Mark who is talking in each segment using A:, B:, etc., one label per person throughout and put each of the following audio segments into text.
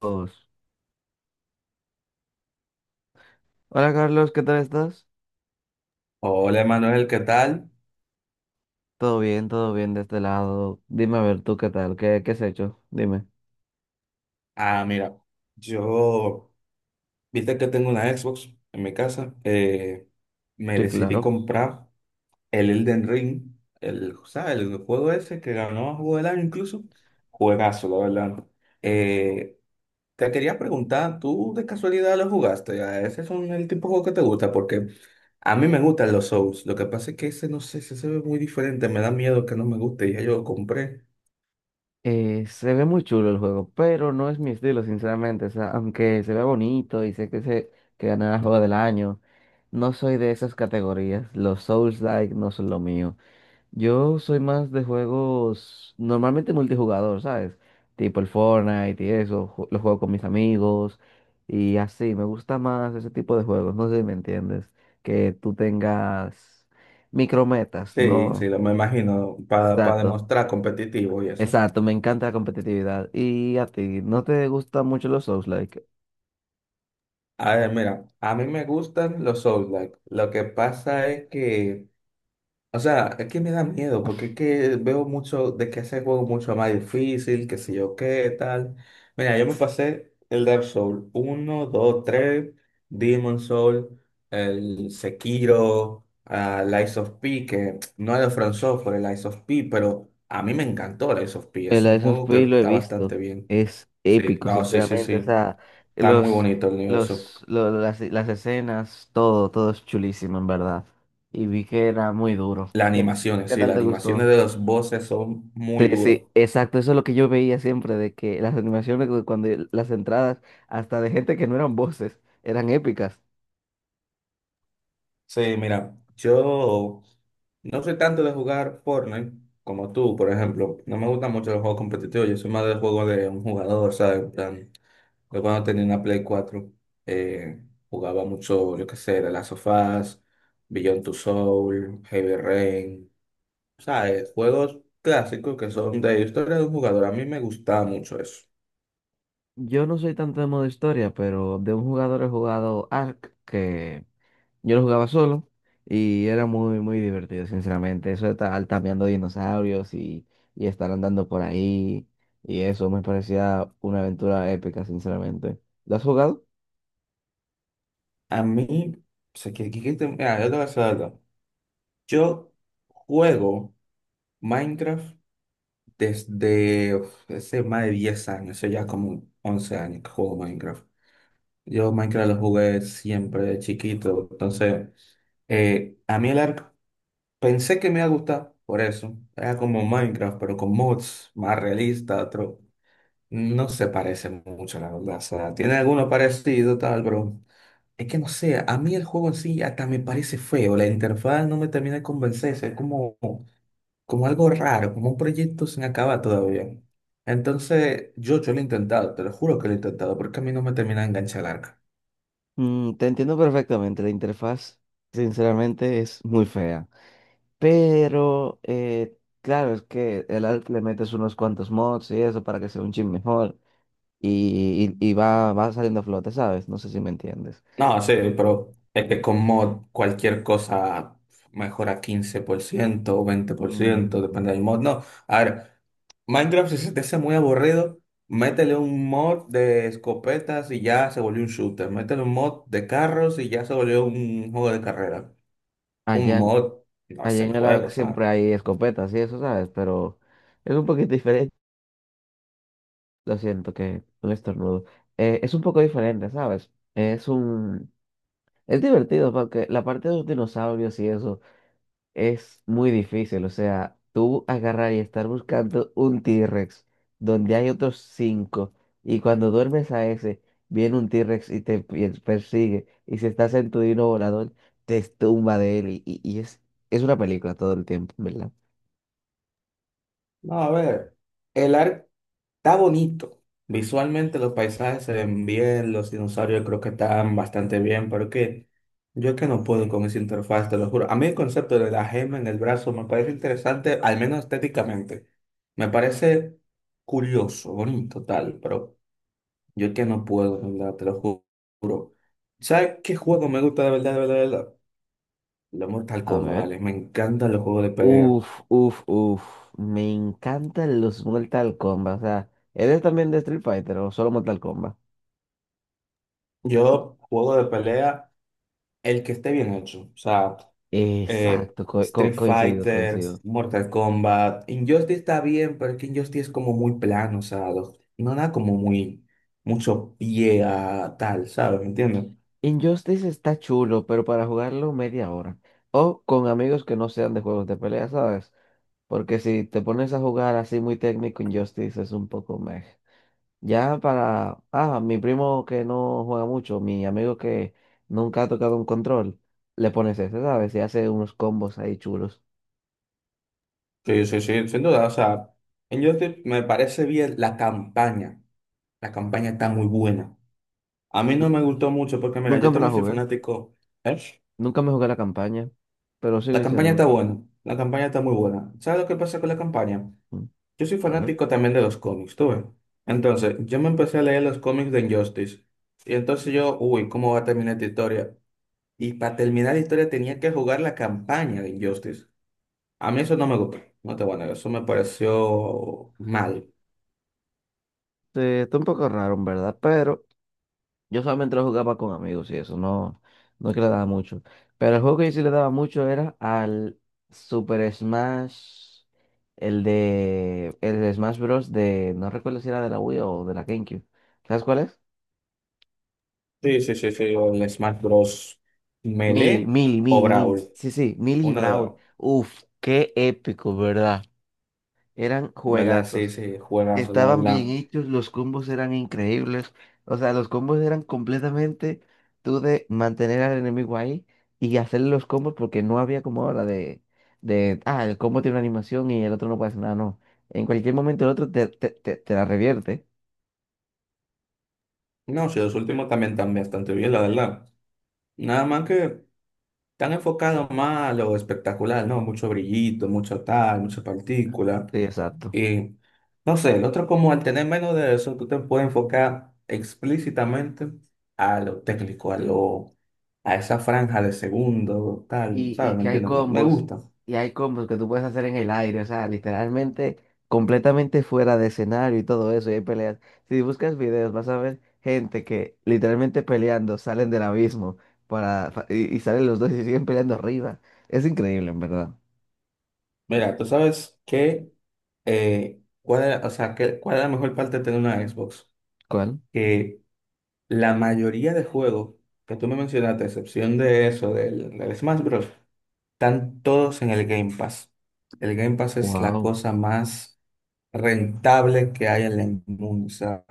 A: Dos. Hola Carlos, ¿qué tal estás?
B: Hola Manuel, ¿qué tal?
A: Todo bien de este lado. Dime a ver tú qué tal, qué has hecho. Dime.
B: Ah, mira, yo, viste que tengo una Xbox en mi casa, me
A: Sí,
B: decidí
A: claro.
B: comprar el Elden Ring, el, ¿sabes? El juego ese que ganó Juego del Año incluso, juegazo, la verdad. Eh, te quería preguntar, ¿tú de casualidad lo jugaste? A ¿Ese es un- El tipo de juego que te gusta? Porque a mí me gustan los Souls, lo que pasa es que ese, no sé, ese se ve muy diferente, me da miedo que no me guste, y ya yo lo compré.
A: Se ve muy chulo el juego, pero no es mi estilo, sinceramente. O sea, aunque se ve bonito y sé que se que ganará el juego del año, no soy de esas categorías. Los Souls-like no son lo mío. Yo soy más de juegos normalmente multijugador, ¿sabes? Tipo el Fortnite y eso, lo juego con mis amigos y así, me gusta más ese tipo de juegos, no sé si me entiendes, que tú tengas micrometas,
B: Sí, sí,
A: ¿no?
B: lo me imagino, para
A: Exacto,
B: demostrar competitivo y eso.
A: exacto, me encanta la competitividad. ¿Y a ti, no te gustan mucho los souls?
B: A ver, mira, a mí me gustan los Souls-like. Lo que pasa es que, o sea, es que me da miedo, porque es que veo mucho de que ese juego es mucho más difícil, que sé yo qué, tal. Mira, yo me pasé el Dark Souls uno, dos, tres, Demon Souls, el Sekiro, Lies of P, que no es de From Software, el Lies of P, pero a mí me encantó Lies of P.
A: El
B: Es un
A: Lies of
B: juego que
A: P lo he
B: está bastante
A: visto.
B: bien.
A: Es
B: Sí,
A: épico,
B: no, sí, sí,
A: sinceramente. O
B: sí.
A: sea,
B: Está muy
A: los,
B: bonito el universo.
A: las escenas, todo, todo es chulísimo, en verdad. Y vi que era muy duro.
B: Las
A: ¿Qué,
B: animaciones,
A: qué
B: sí,
A: tal
B: las
A: te
B: animaciones
A: gustó?
B: de los voces son
A: Sí,
B: muy duros.
A: sí, exacto. Eso es lo que yo veía siempre, de que las animaciones, cuando las entradas, hasta de gente que no eran voces, eran épicas.
B: Sí, mira, yo no soy tanto de jugar Fortnite como tú, por ejemplo. No me gustan mucho los juegos competitivos. Yo soy más del juego de un jugador, ¿sabes? En plan, yo cuando tenía una Play cuatro, eh, jugaba mucho, yo qué sé, The Last of Us, Beyond Two Soul, Heavy Rain. ¿Sabes? Juegos clásicos que son de historia de un jugador. A mí me gustaba mucho eso.
A: Yo no soy tanto de modo historia, pero de un jugador he jugado Ark, que yo lo jugaba solo y era muy, muy divertido, sinceramente. Eso de estar cambiando dinosaurios y estar andando por ahí y eso me parecía una aventura épica, sinceramente. ¿Lo has jugado?
B: A mí, o sea, mira, yo te voy a decir algo. Yo juego Minecraft desde uf, hace más de 10 años, o sea, ya como 11 años que juego Minecraft. Yo Minecraft lo jugué siempre de chiquito, entonces, a mí el arco pensé que me iba a gustar por eso. Era como Minecraft, pero con mods más realista. No se parece mucho, la verdad. O sea, tiene alguno parecido, tal, pero es que no sé, a mí el juego en sí hasta me parece feo. La interfaz no me termina de convencerse. Es como, como algo raro, como un proyecto sin acabar todavía. Entonces, yo lo he intentado, te lo juro que lo he intentado, porque a mí no me termina de enganchar el arco.
A: Mm, te entiendo perfectamente. La interfaz, sinceramente, es muy fea. Pero, claro, es que el arte le metes unos cuantos mods y eso para que sea un chin mejor y, va, va saliendo a flote, ¿sabes? No sé si me entiendes.
B: No, sí, pero es que con mod cualquier cosa mejora 15% o 20%,
A: Mm,
B: depende del mod. No, a ver, Minecraft si se te hace muy aburrido, métele un mod de escopetas y ya se volvió un shooter. Métele un mod de carros y ya se volvió un juego de carrera. Un
A: allá.
B: mod no
A: Allí
B: es el
A: en el ARC
B: juego, ¿sabes?
A: siempre hay escopetas y eso, ¿sabes? Pero es un poquito diferente. Lo siento que un estornudo. Es un poco diferente, ¿sabes? Es un... Es divertido porque la parte de los dinosaurios y eso es muy difícil. O sea, tú agarrar y estar buscando un T-Rex donde hay otros cinco y cuando duermes a ese, viene un T-Rex y te persigue y si estás en tu dino volador, te tumba de él y, es una película todo el tiempo, ¿verdad?
B: No, a ver, el arco está bonito. Visualmente los paisajes se ven bien, los dinosaurios creo que están bastante bien, pero que yo que no puedo con esa interfaz, te lo juro. A mí el concepto de la gema en el brazo me parece interesante, al menos estéticamente. Me parece curioso, bonito, tal, pero yo que no puedo, de verdad, te lo juro. ¿Sabes qué juego me gusta de verdad, de verdad, de verdad? Los Mortal
A: A
B: Kombat,
A: ver.
B: ¿vale? Me encantan los juegos de pelea.
A: Uf, uf, uf. Me encantan los Mortal Kombat. O sea, ¿eres también de Street Fighter o solo Mortal Kombat?
B: Yo juego de pelea el que esté bien hecho. O sea, eh,
A: Exacto,
B: Street
A: coincido,
B: Fighter,
A: coincido.
B: Mortal Kombat. Injustice está bien, pero es que Injustice es como muy plano, o sea, no da como muy mucho pie a tal, ¿sabes? ¿Me entiendes?
A: Injustice está chulo, pero para jugarlo media hora. O con amigos que no sean de juegos de pelea, ¿sabes? Porque si te pones a jugar así muy técnico, Injustice es un poco meh. Ya para, ah, mi primo que no juega mucho, mi amigo que nunca ha tocado un control, le pones ese, ¿sabes? Y hace unos combos ahí chulos.
B: Sí, sí, sí, sin duda. O sea, Injustice me parece bien la campaña. La campaña está muy buena. A mí no me gustó mucho porque, mira,
A: Nunca
B: yo
A: me la
B: también soy
A: jugué,
B: fanático. ¿Eh?
A: nunca me jugué la campaña, pero sigo
B: La campaña
A: diciéndome.
B: está buena. La campaña está muy buena. ¿Sabes lo que pasa con la campaña?
A: "Mm,
B: Yo soy
A: a ver,
B: fanático también de los cómics, tú ves. Entonces, yo me empecé a leer los cómics de Injustice. Y entonces yo, uy, ¿cómo va a terminar esta historia? Y para terminar la historia tenía que jugar la campaña de Injustice. A mí eso no me gustó. No te voy a negar, eso me pareció mal.
A: está un poco raro, en verdad, pero yo solamente lo jugaba con amigos y eso, no, no es que le daba mucho. Pero el juego que yo sí le daba mucho era al Super Smash, el de Smash Bros. De, no recuerdo si era de la Wii o de la GameCube. ¿Sabes cuál es?
B: Sí, sí, sí, sí. O el Smash Bros. Melee o Brawl.
A: Mili. Sí, sí, Mili y
B: Una de las
A: Brawl.
B: dos.
A: Uf, qué épico, ¿verdad? Eran
B: En verdad, sí,
A: juegazos.
B: sí, juegas, la,
A: Estaban bien
B: la.
A: hechos, los combos eran increíbles. O sea, los combos eran completamente tú de mantener al enemigo ahí y hacerle los combos porque no había como ahora ah, el combo tiene una animación y el otro no puede hacer nada, no. En cualquier momento el otro te la revierte.
B: No, sí, los últimos también están bastante bien, la verdad. Nada más que. Están enfocados más a lo espectacular, ¿no? Mucho brillito, mucho tal, mucha partícula.
A: Sí, exacto.
B: Y no sé, el otro como al tener menos de eso, tú te puedes enfocar explícitamente a lo técnico, a lo, a esa franja de segundo, tal,
A: Y,
B: ¿sabes?
A: y
B: ¿Me
A: que hay
B: entiendes? Me
A: combos,
B: gusta.
A: y hay combos que tú puedes hacer en el aire, o sea, literalmente completamente fuera de escenario y todo eso, y hay peleas. Si buscas videos vas a ver gente que literalmente peleando salen del abismo para, y salen los dos y siguen peleando arriba. Es increíble, en verdad.
B: Mira, tú sabes que, cuál es, o sea, cuál es la mejor parte de tener una Xbox.
A: ¿Cuál?
B: Que la mayoría de juegos que tú me mencionaste, a excepción de eso, del Smash Bros., están todos en el Game Pass. El Game Pass es la
A: Wow.
B: cosa más rentable que hay en el mundo. O sea,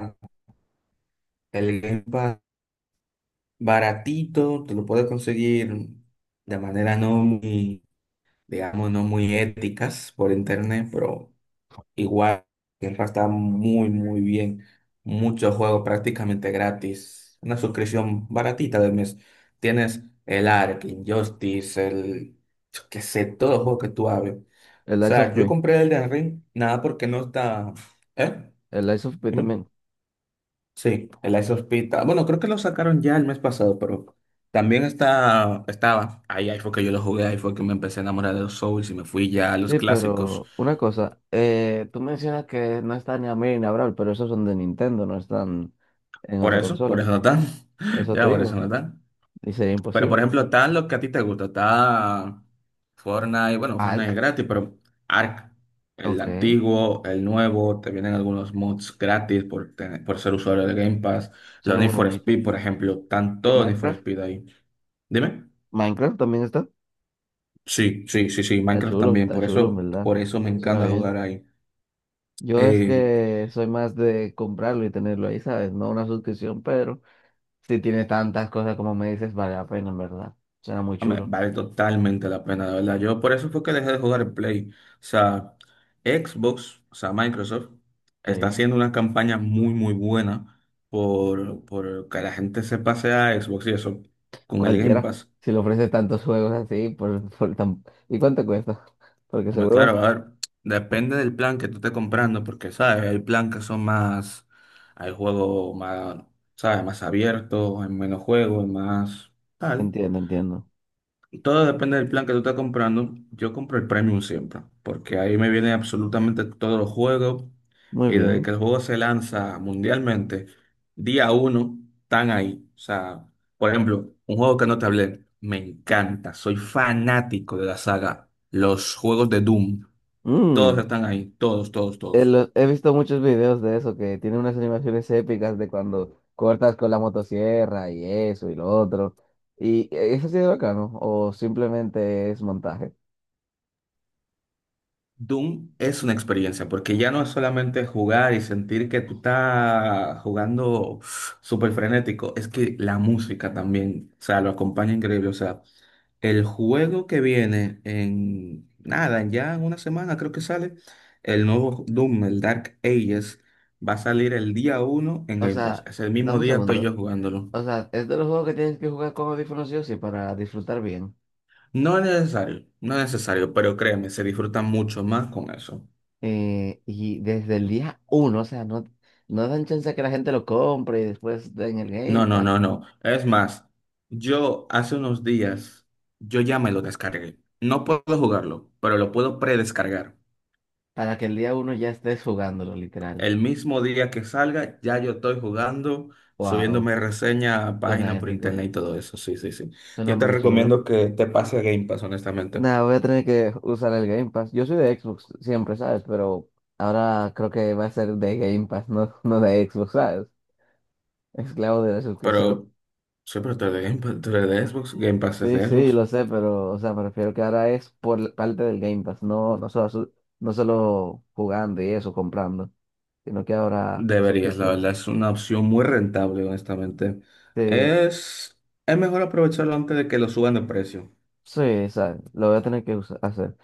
B: el Game Pass baratito, te lo puedes conseguir de manera no muy, digamos, no muy éticas por internet, pero igual el Game está muy, muy bien. Muchos juegos prácticamente gratis. Una suscripción baratita del mes. Tienes el Ark, Injustice, el, yo qué sé, todos los juegos que tú hables.
A: El Lies of
B: Sea, yo
A: P.
B: compré el de Henry, nada porque no está. ¿Eh?
A: El Lies of P
B: Dime.
A: también.
B: Sí, el Ice Hospital. Bueno, creo que lo sacaron ya el mes pasado, pero también está, estaba. Ahí, ahí fue que yo lo jugué, ahí fue que me empecé a enamorar de los Souls y me fui ya a los
A: Sí,
B: clásicos.
A: pero una cosa, tú mencionas que no está ni a mí ni a Brawl, pero esos son de Nintendo, no están en otra
B: Por
A: consola.
B: eso no están.
A: Eso te
B: Ya, por eso
A: digo.
B: no están.
A: Ni sería
B: Pero por
A: imposible.
B: ejemplo, está lo que a ti te gusta, está Fortnite, bueno, Fortnite es
A: Ark,
B: gratis, pero Ark, el
A: ok.
B: antiguo, el nuevo, te vienen algunos mods gratis por, por ser usuario de Game Pass, los
A: Suena
B: Need
A: muy
B: for
A: bonito.
B: Speed, por ejemplo, están
A: ¿Y
B: todos Need for
A: Minecraft?
B: Speed ahí. Dime.
A: Minecraft también está.
B: Sí, sí, sí, sí, Minecraft también,
A: Está chulo, en verdad.
B: por eso me
A: Suena
B: encanta
A: bien.
B: jugar ahí.
A: Yo es que soy más de comprarlo y tenerlo ahí, ¿sabes? No una suscripción, pero si tiene tantas cosas como me dices, vale la pena, en verdad. Suena muy
B: Hombre,
A: chulo.
B: vale totalmente la pena, de verdad. Yo por eso fue que dejé de jugar el Play. O sea, Xbox, o sea, Microsoft, está
A: Sí.
B: haciendo una campaña muy, muy buena por que la gente se pase a Xbox y eso con el Game
A: Cualquiera.
B: Pass.
A: Si le ofrece tantos juegos así, ¿y cuánto cuesta? Porque
B: Hombre,
A: seguro es
B: claro, a ver,
A: barato.
B: depende del plan que tú estés comprando, porque, ¿sabes? Hay plan que son más, hay juegos más, ¿sabes? Más abiertos, hay menos juegos, hay más tal.
A: Entiendo, entiendo.
B: Todo depende del plan que tú estás comprando. Yo compro el Premium siempre, porque ahí me vienen absolutamente todos los juegos.
A: Muy
B: Y desde
A: bien.
B: que el juego se lanza mundialmente, día uno, están ahí. O sea, por ejemplo, un juego que no te hablé, me encanta. Soy fanático de la saga. Los juegos de Doom, todos
A: Mm,
B: están ahí. Todos, todos, todos.
A: He visto muchos videos de eso, que tiene unas animaciones épicas de cuando cortas con la motosierra y eso y lo otro. ¿Y eso sí es bacano? ¿O simplemente es montaje?
B: Doom es una experiencia, porque ya no es solamente jugar y sentir que tú estás jugando súper frenético, es que la música también, o sea, lo acompaña increíble. O sea, el juego que viene en nada, ya en una semana creo que sale, el nuevo Doom, el Dark Ages, va a salir el día uno en
A: O
B: Game
A: sea,
B: Pass. Es el mismo
A: dame un
B: día estoy
A: segundo.
B: yo jugándolo.
A: O sea, es de los juegos que tienes que jugar con audífonos sí o sí para disfrutar bien.
B: No es necesario, no es necesario, pero créeme, se disfruta mucho más con eso.
A: Y desde el día uno, o sea, no, no dan chance a que la gente lo compre y después den el
B: No,
A: Game
B: no,
A: Pass
B: no, no. Es más, yo hace unos días, yo ya me lo descargué. No puedo jugarlo, pero lo puedo predescargar.
A: para que el día uno ya estés jugándolo, literal.
B: El mismo día que salga, ya yo estoy jugando,
A: Wow,
B: subiéndome reseña a
A: suena
B: página por
A: épico,
B: internet y todo eso. Sí, sí, sí.
A: suena
B: Yo te
A: muy chulo.
B: recomiendo que te pase a Game Pass, honestamente.
A: Nada, voy a tener que usar el Game Pass. Yo soy de Xbox siempre, ¿sabes? Pero ahora creo que va a ser de Game Pass, no, no de Xbox, ¿sabes? Esclavo de la suscripción.
B: Pero, sí, pero tú eres de Game Pass, tú eres de Xbox, Game Pass es
A: Sí,
B: de
A: sí,
B: Xbox.
A: lo sé, pero, o sea, me refiero que ahora es por la parte del Game Pass, no, no solo jugando y eso, comprando, sino que ahora
B: Deberías, la
A: suscripción.
B: verdad, es una opción muy rentable, honestamente.
A: Sí,
B: Es, es mejor aprovecharlo antes de que lo suban de precio.
A: sí, ¿sabes? Lo voy a tener que hacer.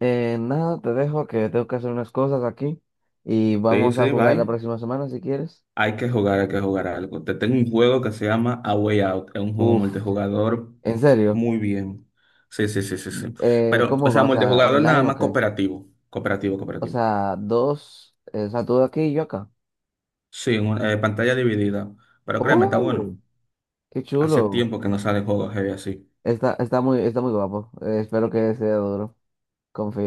A: Nada, te dejo que tengo que hacer unas cosas aquí y
B: Sí,
A: vamos a
B: sí,
A: jugar
B: bye.
A: la próxima semana si quieres.
B: Hay que jugar algo. Te tengo un juego que se llama A Way Out. Es un juego
A: Uf,
B: multijugador
A: ¿en serio?
B: muy bien. Sí, sí, sí, sí, sí. Pero, o
A: ¿Cómo
B: sea,
A: va? O sea,
B: multijugador
A: ¿online
B: nada
A: o
B: más
A: qué?
B: cooperativo. Cooperativo,
A: O
B: cooperativo.
A: sea, dos, o sea, tú aquí y yo acá.
B: Sí, pantalla dividida. Pero créeme, está bueno.
A: ¡Oh! ¡Qué
B: Hace
A: chulo!
B: tiempo que no salen juegos heavy así.
A: Está, está muy guapo. Espero que sea duro. Confío.